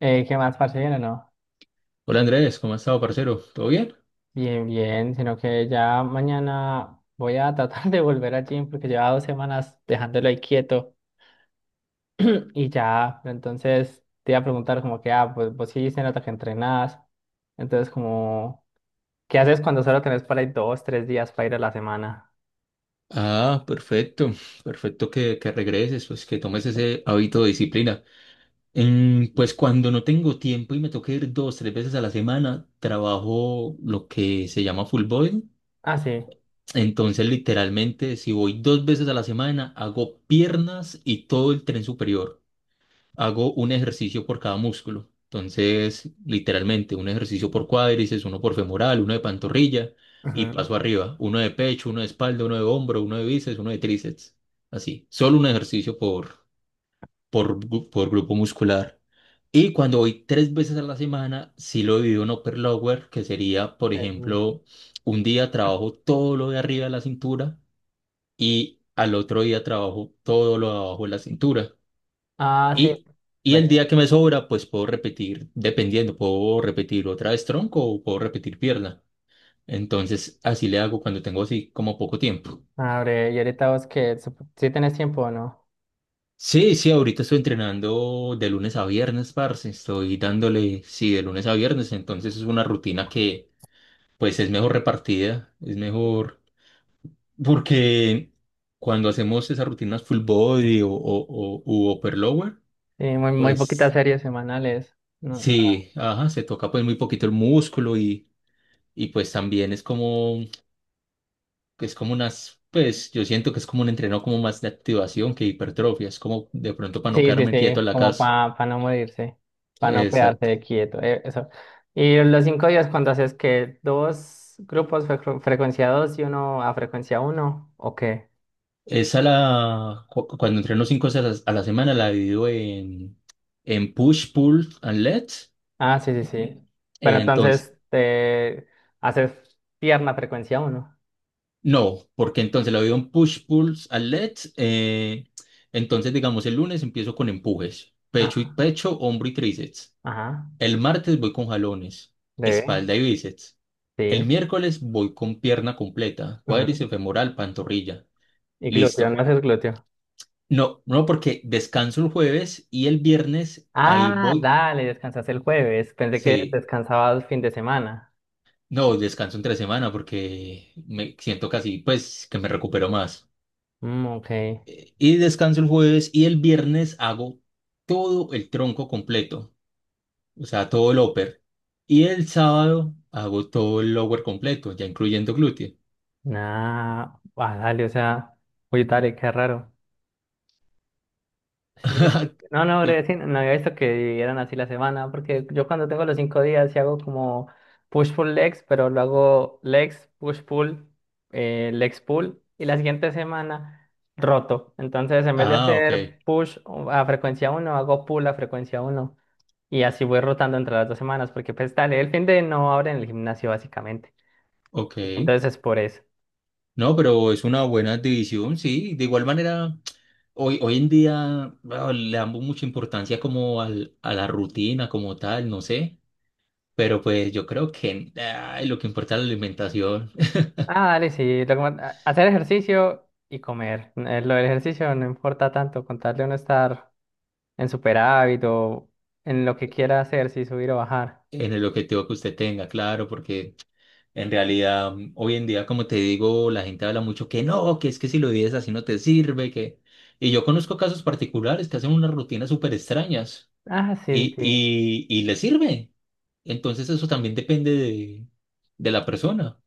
¿Qué más, parcero? No, Hola Andrés, ¿cómo has estado, parcero? ¿Todo bien? bien, bien, sino que ya mañana voy a tratar de volver al gym porque llevaba 2 semanas dejándolo ahí quieto y ya, pero entonces te iba a preguntar como que, pues vos sí se nota que entrenás, entonces como, ¿qué haces cuando solo tenés para ir dos, tres días para ir a la semana? Ah, perfecto, perfecto que regreses, pues que tomes ese hábito de disciplina. Pues cuando no tengo tiempo y me toca ir dos, tres veces a la semana, trabajo lo que se llama full body. Ah, sí. Entonces, literalmente, si voy dos veces a la semana, hago piernas y todo el tren superior. Hago un ejercicio por cada músculo. Entonces, literalmente, un ejercicio por cuádriceps, uno por femoral, uno de pantorrilla y Ujú, paso arriba. Uno de pecho, uno de espalda, uno de hombro, uno de bíceps, uno de tríceps. Así. Solo un ejercicio por grupo muscular. Y cuando voy tres veces a la semana, sí lo divido en upper lower, que sería, por sí, sí. ejemplo, un día trabajo todo lo de arriba de la cintura y al otro día trabajo todo lo de abajo de la cintura. Ah, sí. Y, y el Vale. día que me sobra, pues puedo repetir, dependiendo, puedo repetir otra vez tronco o puedo repetir pierna. Entonces, así le hago cuando tengo así como poco tiempo. Abre, y ahorita vos que, si tenés tiempo o no. Sí, sí, ahorita estoy entrenando de lunes a viernes, parce. Estoy dándole, sí, de lunes a viernes. Entonces es una rutina que, pues, es mejor repartida, es mejor. Porque cuando hacemos esas rutinas full body o u upper lower, Sí, muy, muy poquitas pues, series semanales. No. sí, ajá, se toca pues muy poquito el músculo y pues también pues yo siento que es como un entreno como más de activación que hipertrofia, es como de pronto para no Sí, sí, quedarme quieto sí, en la como casa. para no morirse, para no Exacto. quedarse quieto, eso. Y los 5 días cuando haces que dos grupos frecuencia 2 y uno a frecuencia uno, ¿o qué? Cuando entreno cinco veces a la semana la divido en push, pull and let. Ah, sí, sí, sí. Pero Entonces, entonces te haces pierna frecuencia uno. no, porque entonces la divido en push, pull and let. Entonces, digamos, el lunes empiezo con empujes, pecho y Ajá, pecho, hombro y tríceps. ajá, El martes voy con jalones, debe, espalda y bíceps. El sí. miércoles voy con pierna completa, Ujú. cuádriceps femoral, pantorrilla. Y glúteo, no Listo. haces glúteo. No, no, porque descanso el jueves y el viernes ahí Ah, voy. dale, descansas el jueves. Pensé que Sí, descansabas fin de semana. no, descanso entre semana porque me siento casi, pues, que me recupero más. Mm, ok. Y descanso el jueves y el viernes hago todo el tronco completo, o sea, todo el upper. Y el sábado hago todo el lower completo, ya incluyendo glúteo. Nah, dale, o sea, oye, Tarek, qué raro. Sí, sí. No, no, Yo- breve, sí, no había visto que eran así la semana, porque yo cuando tengo los 5 días sí hago como push-pull legs, pero lo hago legs, push-pull, legs pull, y la siguiente semana roto. Entonces, en vez de Ah, ok, hacer push a frecuencia uno, hago pull a frecuencia uno, y así voy rotando entre las dos semanas, porque pues dale, el fin de no abre en el gimnasio básicamente. ok. Entonces es por eso. No, pero es una buena división, sí. De igual manera, hoy en día bueno, le damos mucha importancia como a la rutina como tal, no sé. Pero pues yo creo que ay, lo que importa es la alimentación Ah, dale, sí. lo que más- a- Hacer ejercicio y comer. Lo del ejercicio no importa tanto, con tal de uno estar en superávit o en lo que quiera hacer, si subir o bajar. en el objetivo que usted tenga, claro, porque en realidad hoy en día, como te digo, la gente habla mucho que no, que es que si lo vives así no te sirve, que... Y yo conozco casos particulares que hacen unas rutinas súper extrañas. Ah, sí, sí. y, Sí. y, y le sirve. Entonces eso también depende de la persona.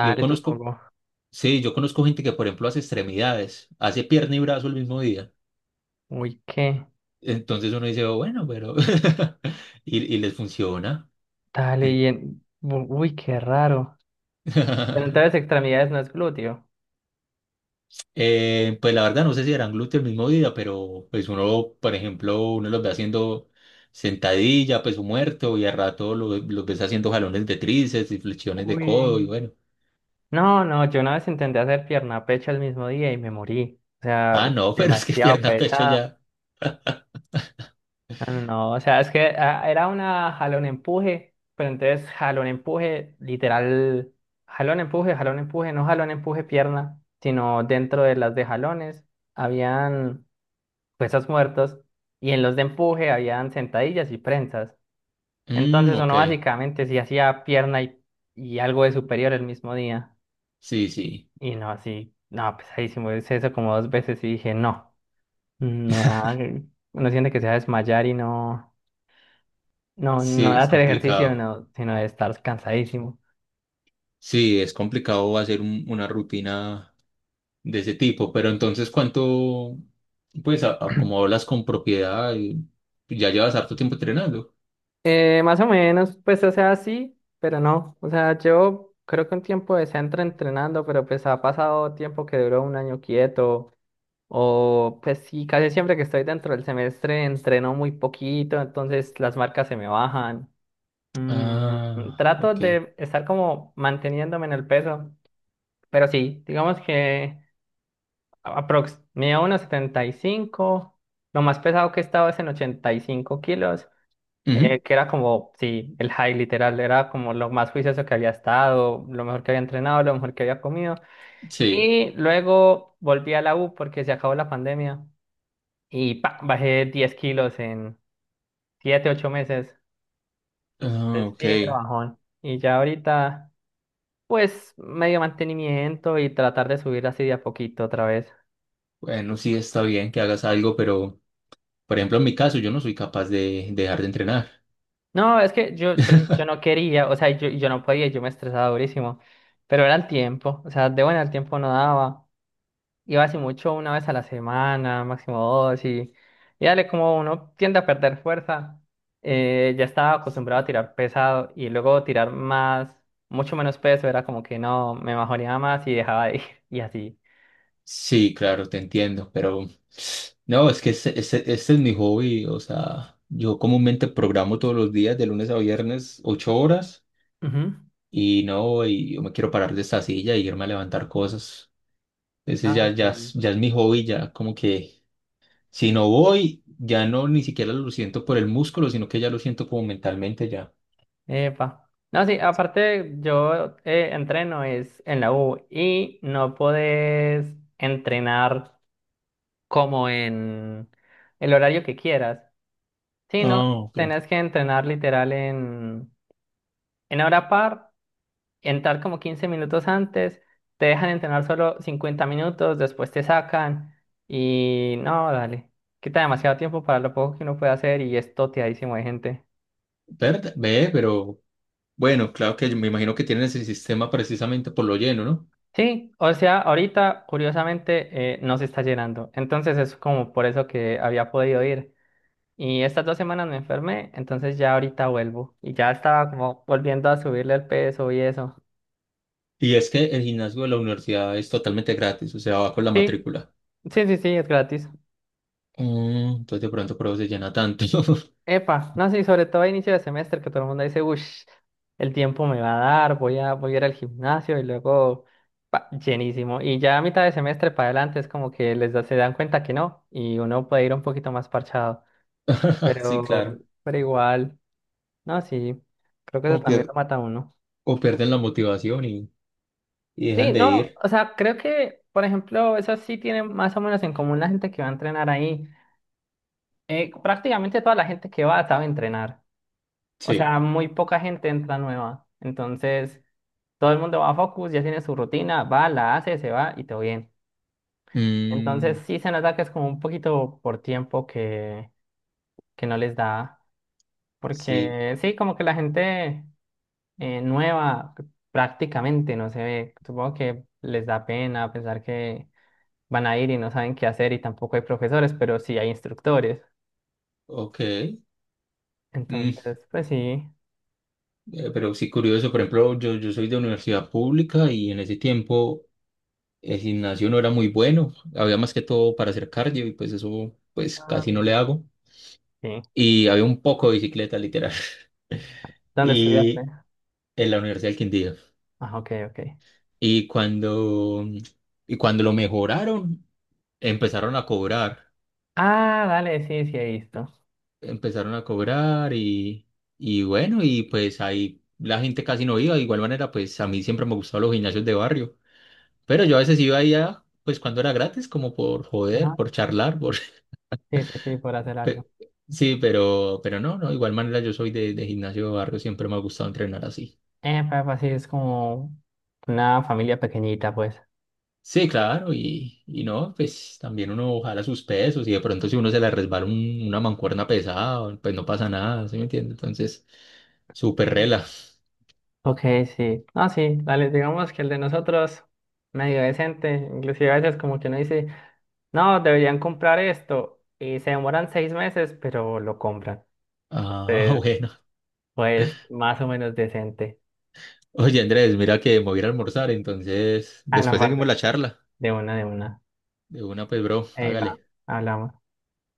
Yo conozco, supongo. sí, yo conozco gente que, por ejemplo, hace extremidades, hace pierna y brazo el mismo día. Uy, qué. Entonces uno dice, "Oh, bueno, pero... Y les funciona. Dale. En- Uy, qué raro. Pero entonces extremidades no es glúteo. Pues la verdad no sé si harán glúteo el mismo día, pero pues uno, por ejemplo, uno los ve haciendo sentadilla, peso muerto, y a rato los ves haciendo jalones de tríceps y flexiones de Uy. codo, y bueno. No, no, yo una vez intenté hacer pierna, pecho el mismo día y me morí. O sea, Ah, uy, no, pero es que demasiado pierna, pecho pesado. ya. No, no, no, o sea, es que era una jalón-empuje, pero entonces jalón-empuje, literal, jalón-empuje, jalón-empuje, no jalón-empuje pierna, sino dentro de las de jalones habían pesos muertos y en los de empuje habían sentadillas y prensas. Mm, Entonces ok. uno básicamente sí hacía pierna y algo de superior el mismo día. Sí, sí. Y no, así, no, pesadísimo, hice eso como dos veces y dije, no, no, uno siente que se va a desmayar y no. No, no Sí, de es hacer ejercicio, complicado. no, sino de estar cansadísimo. Sí, es complicado hacer una rutina de ese tipo, pero entonces, ¿cuánto, pues, como hablas con propiedad, y ya llevas harto tiempo entrenando? Más o menos, pues, o sea, sí, pero no. O sea, yo creo que un tiempo de centro entrenando, pero pues ha pasado tiempo que duró un año quieto. O pues sí, casi siempre que estoy dentro del semestre entreno muy poquito, entonces las marcas se me bajan. Ah, Trato ok. de estar como manteniéndome en el peso, pero sí, digamos que... Aprox, medía unos 75. Lo más pesado que he estado es en 85 kilos, Ujú, que era como, sí, el high literal, era como lo más juicioso que había estado, lo mejor que había entrenado, lo mejor que había comido. sí. Y luego volví a la U porque se acabó la pandemia y pa, bajé 10 kilos en 7 8 meses. Pues Ah, ok. sí, me lo bajón. Y ya ahorita, pues medio mantenimiento y tratar de subir así de a poquito otra vez. Bueno, sí está bien que hagas algo, pero, por ejemplo, en mi caso, yo no soy capaz de dejar de entrenar. No, es que yo no quería, o sea, yo no podía, yo me estresaba durísimo, pero era el tiempo, o sea, de buena el tiempo no daba, iba así mucho una vez a la semana, máximo dos, y dale, como uno tiende a perder fuerza, ya estaba acostumbrado a tirar pesado y luego tirar más, mucho menos peso, era como que no, me mejoreaba más y dejaba de ir, y así. Sí, claro, te entiendo, pero no, es que este es mi hobby, o sea, yo comúnmente programo todos los días de lunes a viernes 8 horas Ujú. y no, y yo me quiero parar de esta silla y irme a levantar cosas. Ese Ah, ya, ya, es- sí. ya es mi hobby, ya como que si no voy, ya no ni siquiera lo siento por el músculo, sino que ya lo siento como mentalmente ya. Epa. No, sí, aparte yo entreno es en la U y no podés entrenar como en el horario que quieras, sino Ah, ok. tenés que entrenar literal en, hora par, entrar como 15 minutos antes, te dejan entrenar solo 50 minutos, después te sacan y no, dale, quita demasiado tiempo para lo poco que uno puede hacer y es toteadísimo de gente. ¿Verdad? Ve, pero bueno, claro que yo me imagino que tienen ese sistema precisamente por lo lleno, ¿no? Sí, o sea, ahorita curiosamente no se está llenando. Entonces es como por eso que había podido ir. Y estas 2 semanas me enfermé, entonces ya ahorita vuelvo. Y ya estaba como volviendo a subirle el peso y eso. Y es que el gimnasio de la universidad es totalmente gratis, o sea, va con la Sí, matrícula. sí, sí, sí, es gratis. Entonces de pronto por eso se llena tanto. Epa, no, sí, sobre todo a inicio de semestre que todo el mundo dice, uff, el tiempo me va a dar, voy a ir al gimnasio y luego pa, llenísimo. Y ya a mitad de semestre para adelante es como que les da, se dan cuenta que no y uno puede ir un poquito más parchado. Sí, pero, claro. pero igual, no, sí, creo que eso O, también lo pier- mata a uno. o pierden la motivación y Sí, dejan de no, ir. o sea, creo que, por ejemplo, eso sí tiene más o menos en común la gente que va a entrenar ahí. Prácticamente toda la gente que va sabe entrenar, o Sí. sea, muy poca gente entra nueva, entonces todo el mundo va a Focus, ya tiene su rutina, va, la hace, se va y todo bien. Entonces Mm, sí se nota que es como un poquito por tiempo que no les da, sí, porque sí, como que la gente nueva prácticamente no se ve. Supongo que les da pena pensar que van a ir y no saben qué hacer y tampoco hay profesores, pero sí hay instructores. ok. Mm, Entonces, pues sí. Pero sí, curioso, por ejemplo, yo soy de universidad pública y en ese tiempo el gimnasio no era muy bueno. Había más que todo para hacer cardio y pues eso pues casi no Ah, le hago. sí. Y había un poco de bicicleta, literal. ¿Dónde estudiaste? Y en la Universidad del Quindío. Ah, ok, ok. Y cuando, y cuando lo mejoraron, empezaron a cobrar, Ah, dale, sí, sí he visto. empezaron a cobrar y bueno, y pues ahí la gente casi no iba. De igual manera, pues a mí siempre me gustaban los gimnasios de barrio, pero yo a veces iba allá, pues cuando era gratis, como por joder, por Ajá. charlar, por... Sí, sí, sí, por hacer algo. pe- Sí, pero no, no, de igual manera yo soy de gimnasio de barrio, siempre me ha gustado entrenar así. Papá, sí, es como una familia pequeñita, pues. Sí, claro, y no, pues también uno jala sus pesos y de pronto si uno se le resbala una mancuerna pesada, pues no pasa nada, ¿sí me entiende? Entonces, súper Ujú. rela. Ok, sí. No, sí, dale, digamos que el de nosotros, medio decente, inclusive a veces como que no dice. No, deberían comprar esto. Y se demoran 6 meses, pero lo compran. Ah, Entonces, bueno. pues, más o menos decente. Oye, Andrés, mira que me voy a ir a almorzar, entonces Ah, no, después parce, seguimos la charla. de una, de una. De una, pues, bro, Ahí va, hágale. hablamos.